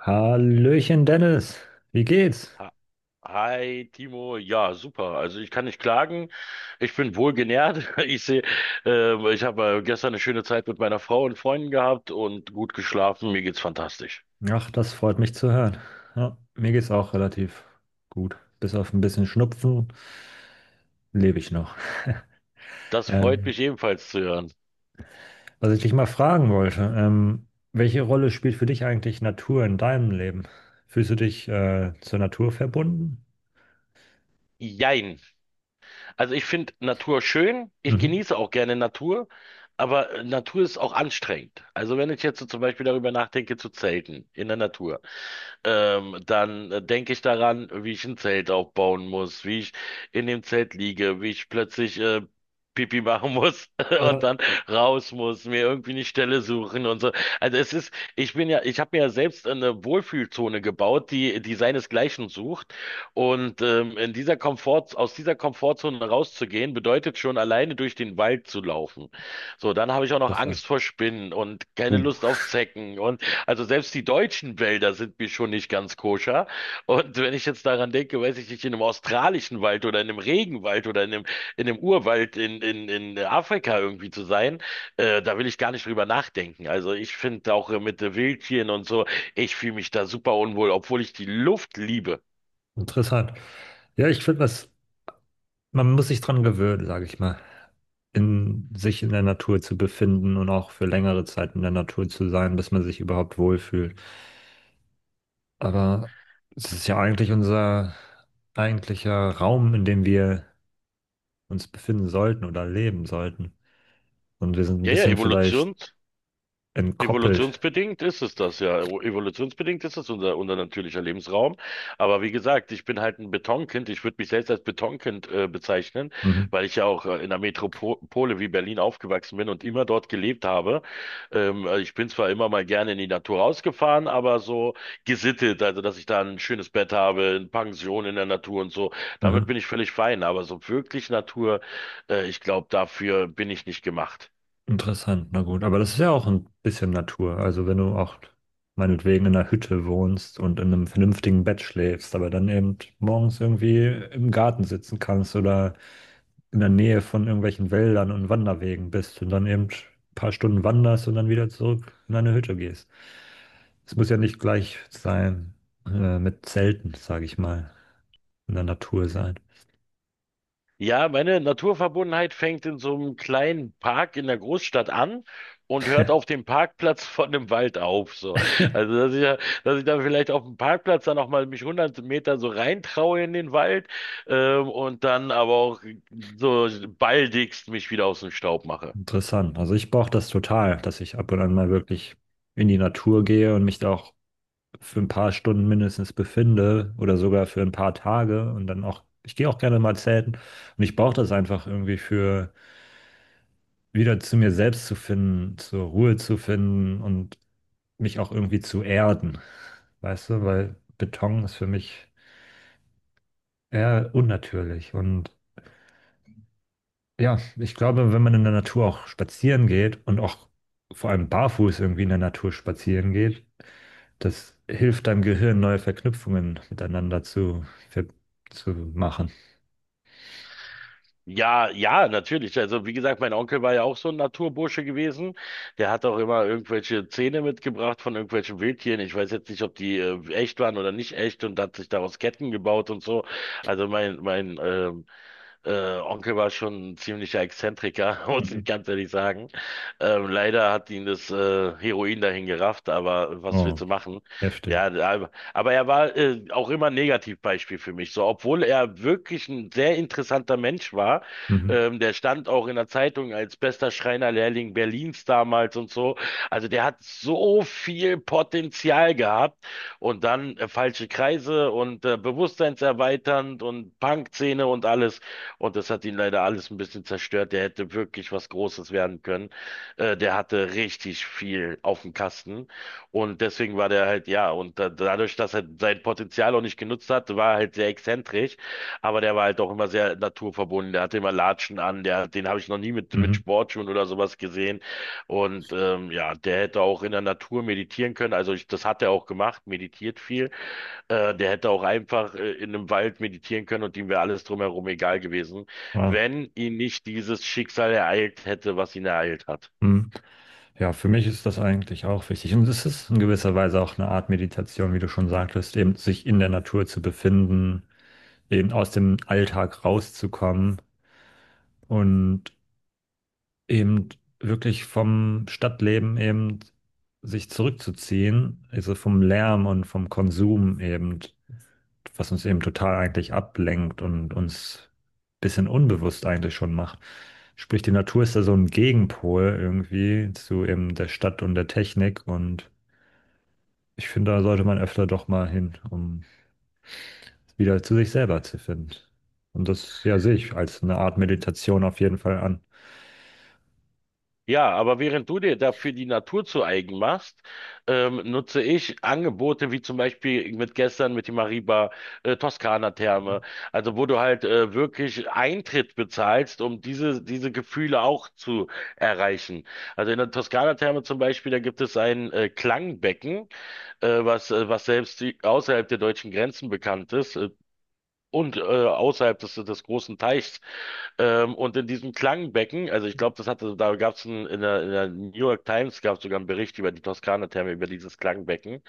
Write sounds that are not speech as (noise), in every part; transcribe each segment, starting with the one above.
Hallöchen Dennis, wie geht's? Ha- Hi Timo, ja super. Also ich kann nicht klagen. Ich bin wohlgenährt. (laughs) Ich sehe, ich habe gestern eine schöne Zeit mit meiner Frau und Freunden gehabt und gut geschlafen. Mir geht's fantastisch. Ach, das freut mich zu hören. Ja, mir geht's auch relativ gut. Bis auf ein bisschen Schnupfen lebe ich noch. (laughs) Das freut Ähm, mich ebenfalls zu hören. Was ich dich mal fragen wollte, welche Rolle spielt für dich eigentlich Natur in deinem Leben? Fühlst du dich zur Natur verbunden? Jein. Also ich finde Natur schön. Ich Mhm. genieße auch gerne Natur, aber Natur ist auch anstrengend. Also wenn ich jetzt so zum Beispiel darüber nachdenke zu zelten in der Natur. Dann denke ich daran, wie ich ein Zelt aufbauen muss, wie ich in dem Zelt liege, wie ich plötzlich Pipi machen muss (laughs) und Ja, dann raus muss, mir irgendwie eine Stelle suchen und so. Also es ist, ich bin ja, ich habe mir ja selbst eine Wohlfühlzone gebaut, die seinesgleichen sucht. Und in dieser Komfort, aus dieser Komfortzone rauszugehen, bedeutet schon alleine durch den Wald zu laufen. So, dann habe ich auch noch interessant. Angst vor Spinnen und Uh, keine Lust auf Zecken. Und also selbst die deutschen Wälder sind mir schon nicht ganz koscher. Und wenn ich jetzt daran denke, weiß ich nicht, in einem australischen Wald oder in einem Regenwald oder in einem Urwald in Afrika irgendwie zu sein, da will ich gar nicht drüber nachdenken. Also ich finde auch mit Wildtieren und so, ich fühle mich da super unwohl, obwohl ich die Luft liebe. Interessant. Ja, ich finde das. Man muss sich dran gewöhnen, sage ich mal, in sich in der Natur zu befinden und auch für längere Zeit in der Natur zu sein, bis man sich überhaupt wohlfühlt. Aber es ist ja eigentlich unser eigentlicher Raum, in dem wir uns befinden sollten oder leben sollten. Und wir sind ein Ja, ja, bisschen vielleicht Evolution, entkoppelt. Evolutionsbedingt ist es das ja. Evolutionsbedingt ist es unser natürlicher Lebensraum. Aber wie gesagt, ich bin halt ein Betonkind. Ich würde mich selbst als Betonkind bezeichnen, Mhm. weil ich ja auch in einer Metropole wie Berlin aufgewachsen bin und immer dort gelebt habe. Also ich bin zwar immer mal gerne in die Natur rausgefahren, aber so gesittet, also dass ich da ein schönes Bett habe, eine Pension in der Natur und so, damit Mhm. bin ich völlig fein. Aber so wirklich Natur, ich glaube, dafür bin ich nicht gemacht. Interessant, na gut. Aber das ist ja auch ein bisschen Natur. Also wenn du auch meinetwegen in einer Hütte wohnst und in einem vernünftigen Bett schläfst, aber dann eben morgens irgendwie im Garten sitzen kannst oder in der Nähe von irgendwelchen Wäldern und Wanderwegen bist und dann eben ein paar Stunden wanderst und dann wieder zurück in deine Hütte gehst. Es muss ja nicht gleich sein, mit Zelten, sage ich mal, in der Natur sein. Ja, meine Naturverbundenheit fängt in so einem kleinen Park in der Großstadt an und hört auf dem Parkplatz (laughs) von einem Wald auf. So. Also, dass ich dann vielleicht auf dem Parkplatz dann auch mal mich 100 Meter so reintraue in den Wald und dann aber auch so baldigst mich wieder aus dem Staub mache. Interessant. Also ich brauche das total, dass ich ab und an mal wirklich in die Natur gehe und mich da auch für ein paar Stunden mindestens befinde oder sogar für ein paar Tage und dann auch, ich gehe auch gerne mal zelten und ich brauche das einfach irgendwie für wieder zu mir selbst zu finden, zur Ruhe zu finden und mich auch irgendwie zu erden, weißt du, weil Beton ist für mich eher unnatürlich und ja, ich glaube, wenn man in der Natur auch spazieren geht und auch vor allem barfuß irgendwie in der Natur spazieren geht, das hilft deinem Gehirn, neue Verknüpfungen miteinander zu, ver- zu machen. Ja, ja, natürlich. Also wie gesagt, mein Onkel war ja auch so ein Naturbursche gewesen. Der hat auch immer irgendwelche Zähne mitgebracht von irgendwelchen Wildtieren. Ich weiß jetzt nicht, ob die echt waren oder nicht echt und hat sich daraus Ketten gebaut und so. Also mein Onkel war schon ein ziemlicher Exzentriker, (laughs) muss ich Mhm. ganz ehrlich sagen. Leider hat ihn das Heroin dahin gerafft, aber was willst Oh, du machen? Ja, heftig. aber er war auch immer ein Negativbeispiel für mich. So, obwohl er wirklich ein sehr interessanter Mensch war, Mhm. Der stand auch in der Zeitung als bester Schreinerlehrling Berlins damals und so. Also der hat so viel Potenzial gehabt und dann falsche Kreise und bewusstseinserweiternd und Punkszene und alles. Und das hat ihn leider alles ein bisschen zerstört. Der hätte wirklich was Großes werden können. Der hatte richtig viel auf dem Kasten. Und deswegen war der halt, ja, und da, dadurch, dass er sein Potenzial auch nicht genutzt hat, war er halt sehr exzentrisch. Aber der war halt auch immer sehr naturverbunden. Der hatte immer Latschen an. Der, den habe ich noch nie mit Mhm. Sportschuhen oder sowas gesehen. Und ja, der hätte auch in der Natur meditieren können. Also ich, das hat er auch gemacht, meditiert viel. Der hätte auch einfach in einem Wald meditieren können und ihm wäre alles drumherum egal gewesen, Wow. wenn ihn nicht dieses Schicksal ereilt hätte, was ihn ereilt hat. Mhm. Ja, für mich ist das eigentlich auch wichtig. Und es ist in gewisser Weise auch eine Art Meditation, wie du schon sagtest, eben sich in der Natur zu befinden, eben aus dem Alltag rauszukommen und eben wirklich vom Stadtleben eben sich zurückzuziehen, also vom Lärm und vom Konsum eben, was uns eben total eigentlich ablenkt und uns ein bisschen unbewusst eigentlich schon macht. Sprich, die Natur ist da so ein Gegenpol irgendwie zu eben der Stadt und der Technik, und ich finde, da sollte man öfter doch mal hin, um wieder zu sich selber zu finden. Und das, ja, sehe ich als eine Art Meditation auf jeden Fall an. Ja, aber während du dir dafür die Natur zu eigen machst, nutze ich Angebote wie zum Beispiel mit gestern mit die Mariba Mhm. Toskana-Therme, also wo du halt wirklich Eintritt bezahlst, um diese Gefühle auch zu erreichen. Also in der Toskana-Therme zum Beispiel, da gibt es ein Klangbecken. Was was selbst die, außerhalb der deutschen Grenzen bekannt ist und außerhalb des großen Teichs. Und in diesem Klangbecken, also ich glaube, das hatte, da gab es in der New York Times gab es sogar einen Bericht über die Toskana-Therme, über dieses Klangbecken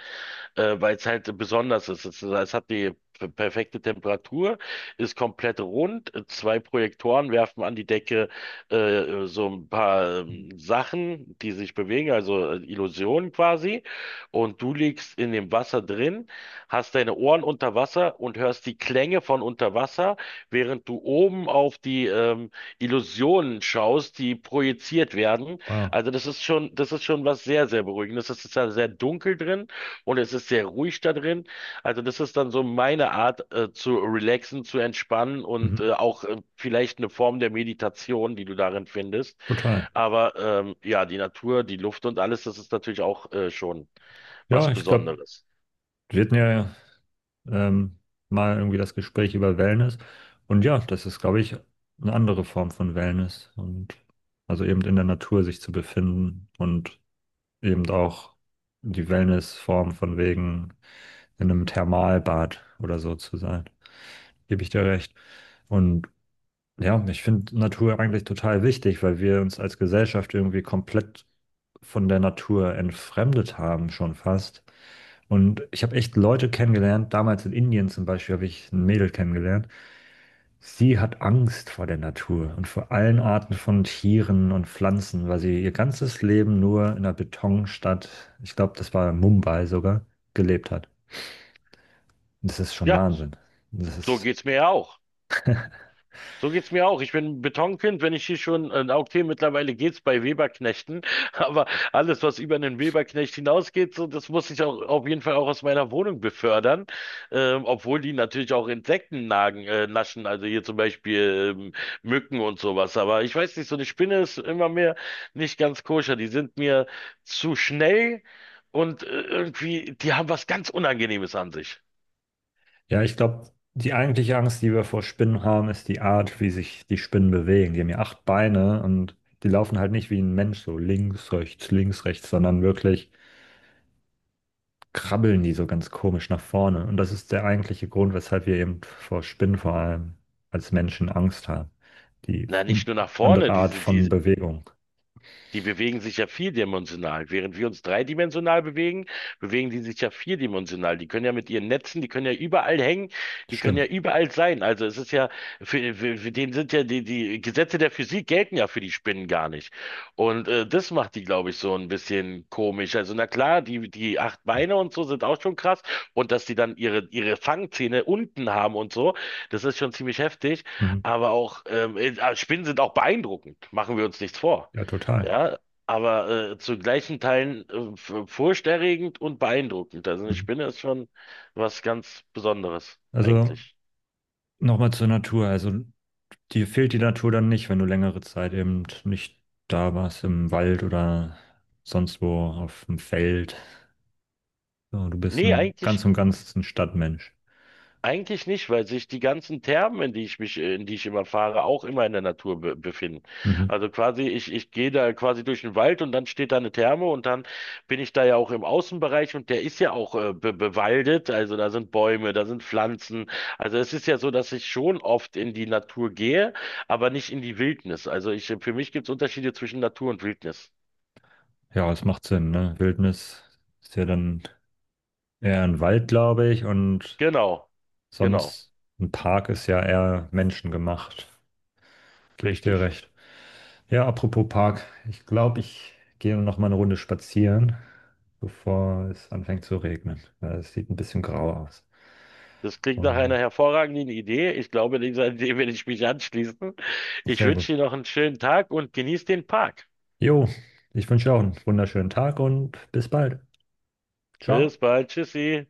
weil es halt besonders ist. Es hat die perfekte Temperatur, ist komplett rund. Zwei Projektoren werfen an die Decke so ein paar Sachen, die sich bewegen, also Illusionen quasi. Und du liegst in dem Wasser drin, hast deine Ohren unter Wasser und hörst die Klänge von unter Wasser, während du oben auf die Illusionen schaust, die projiziert werden. Wow. Also das ist schon was sehr, sehr Beruhigendes. Es ist ja sehr dunkel drin. Und es ist sehr ruhig da drin. Also das ist dann so meine Art, zu relaxen, zu entspannen Mhm. und auch vielleicht eine Form der Meditation, die du darin findest. Total. Aber ja, die Natur, die Luft und alles, das ist natürlich auch schon was Ja, ich glaube, Besonderes. wir hatten ja ähm, mal irgendwie das Gespräch über Wellness. Und ja, das ist, glaube ich, eine andere Form von Wellness, und also eben in der Natur sich zu befinden und eben auch die Wellnessform von wegen in einem Thermalbad oder so zu sein. Gebe ich dir recht. Und ja, und ich finde Natur eigentlich total wichtig, weil wir uns als Gesellschaft irgendwie komplett von der Natur entfremdet haben, schon fast. Und ich habe echt Leute kennengelernt, damals in Indien zum Beispiel habe ich ein Mädel kennengelernt. Sie hat Angst vor der Natur und vor allen Arten von Tieren und Pflanzen, weil sie ihr ganzes Leben nur in einer Betonstadt, ich glaube, das war Mumbai sogar, gelebt hat. Und das ist schon Ja, Wahnsinn. Das so ist. geht's mir ja auch. So geht's mir auch. Ich bin ein Betonkind, wenn ich hier schon, okay, mittlerweile geht's bei Weberknechten, (laughs) aber alles, was über einen Weberknecht hinausgeht, so, das muss ich auch auf jeden Fall auch aus meiner Wohnung befördern, obwohl die natürlich auch Insekten nagen, naschen, also hier zum Beispiel Mücken und sowas. Aber ich weiß nicht, so eine Spinne ist immer mehr nicht ganz koscher. Die sind mir zu schnell und irgendwie, die haben was ganz Unangenehmes an sich. Ja, ich glaube, die eigentliche Angst, die wir vor Spinnen haben, ist die Art, wie sich die Spinnen bewegen. Die haben ja acht Beine, und die laufen halt nicht wie ein Mensch so links, rechts, sondern wirklich krabbeln die so ganz komisch nach vorne. Und das ist der eigentliche Grund, weshalb wir eben vor Spinnen vor allem als Menschen Angst haben. Die Na, nicht nur nach andere vorne, Art die, von die Bewegung. Die bewegen sich ja vierdimensional. Während wir uns dreidimensional bewegen, bewegen die sich ja vierdimensional. Die können ja mit ihren Netzen, die können ja überall hängen, die können ja Stimmt. überall sein. Also es ist ja, für den sind ja die Gesetze der Physik gelten ja für die Spinnen gar nicht. Und das macht die, glaube ich, so ein bisschen komisch. Also na klar, die acht Beine und so sind auch schon krass. Und dass die dann ihre Fangzähne unten haben und so, das ist schon ziemlich heftig. Mhm. Aber auch, Spinnen sind auch beeindruckend. Machen wir uns nichts vor. Ja, total. Ja, aber zu gleichen Teilen furchterregend und beeindruckend. Also eine Mhm. Spinne ist schon was ganz Besonderes Also eigentlich. nochmal zur Natur. Also dir fehlt die Natur dann nicht, wenn du längere Zeit eben nicht da warst, im Wald oder sonst wo auf dem Feld. So, du bist Nee, ein eigentlich ganz und ganz ein Stadtmensch. Eigentlich nicht, weil sich die ganzen Thermen, in die ich immer fahre, auch immer in der Natur be befinden. Mhm. Also quasi, ich gehe da quasi durch den Wald und dann steht da eine Therme und dann bin ich da ja auch im Außenbereich und der ist ja auch be bewaldet. Also da sind Bäume, da sind Pflanzen. Also es ist ja so, dass ich schon oft in die Natur gehe, aber nicht in die Wildnis. Also ich, für mich gibt es Unterschiede zwischen Natur und Wildnis. Ja, es macht Sinn, ne? Wildnis ist ja dann eher ein Wald, glaube ich, und Genau, genau, sonst, ein Park ist ja eher menschengemacht. Gebe ich dir richtig. recht. Ja, apropos Park, ich glaube, ich gehe noch mal eine Runde spazieren, bevor es anfängt zu regnen. Weil es sieht ein bisschen grau aus. Das klingt nach einer Und hervorragenden Idee. Ich glaube, dieser Idee werde ich mich anschließen. Ich sehr gut. wünsche dir noch einen schönen Tag und genieß den Park. Jo, ich wünsche dir auch einen wunderschönen Tag und bis bald. Ciao. Bis bald. Tschüssi.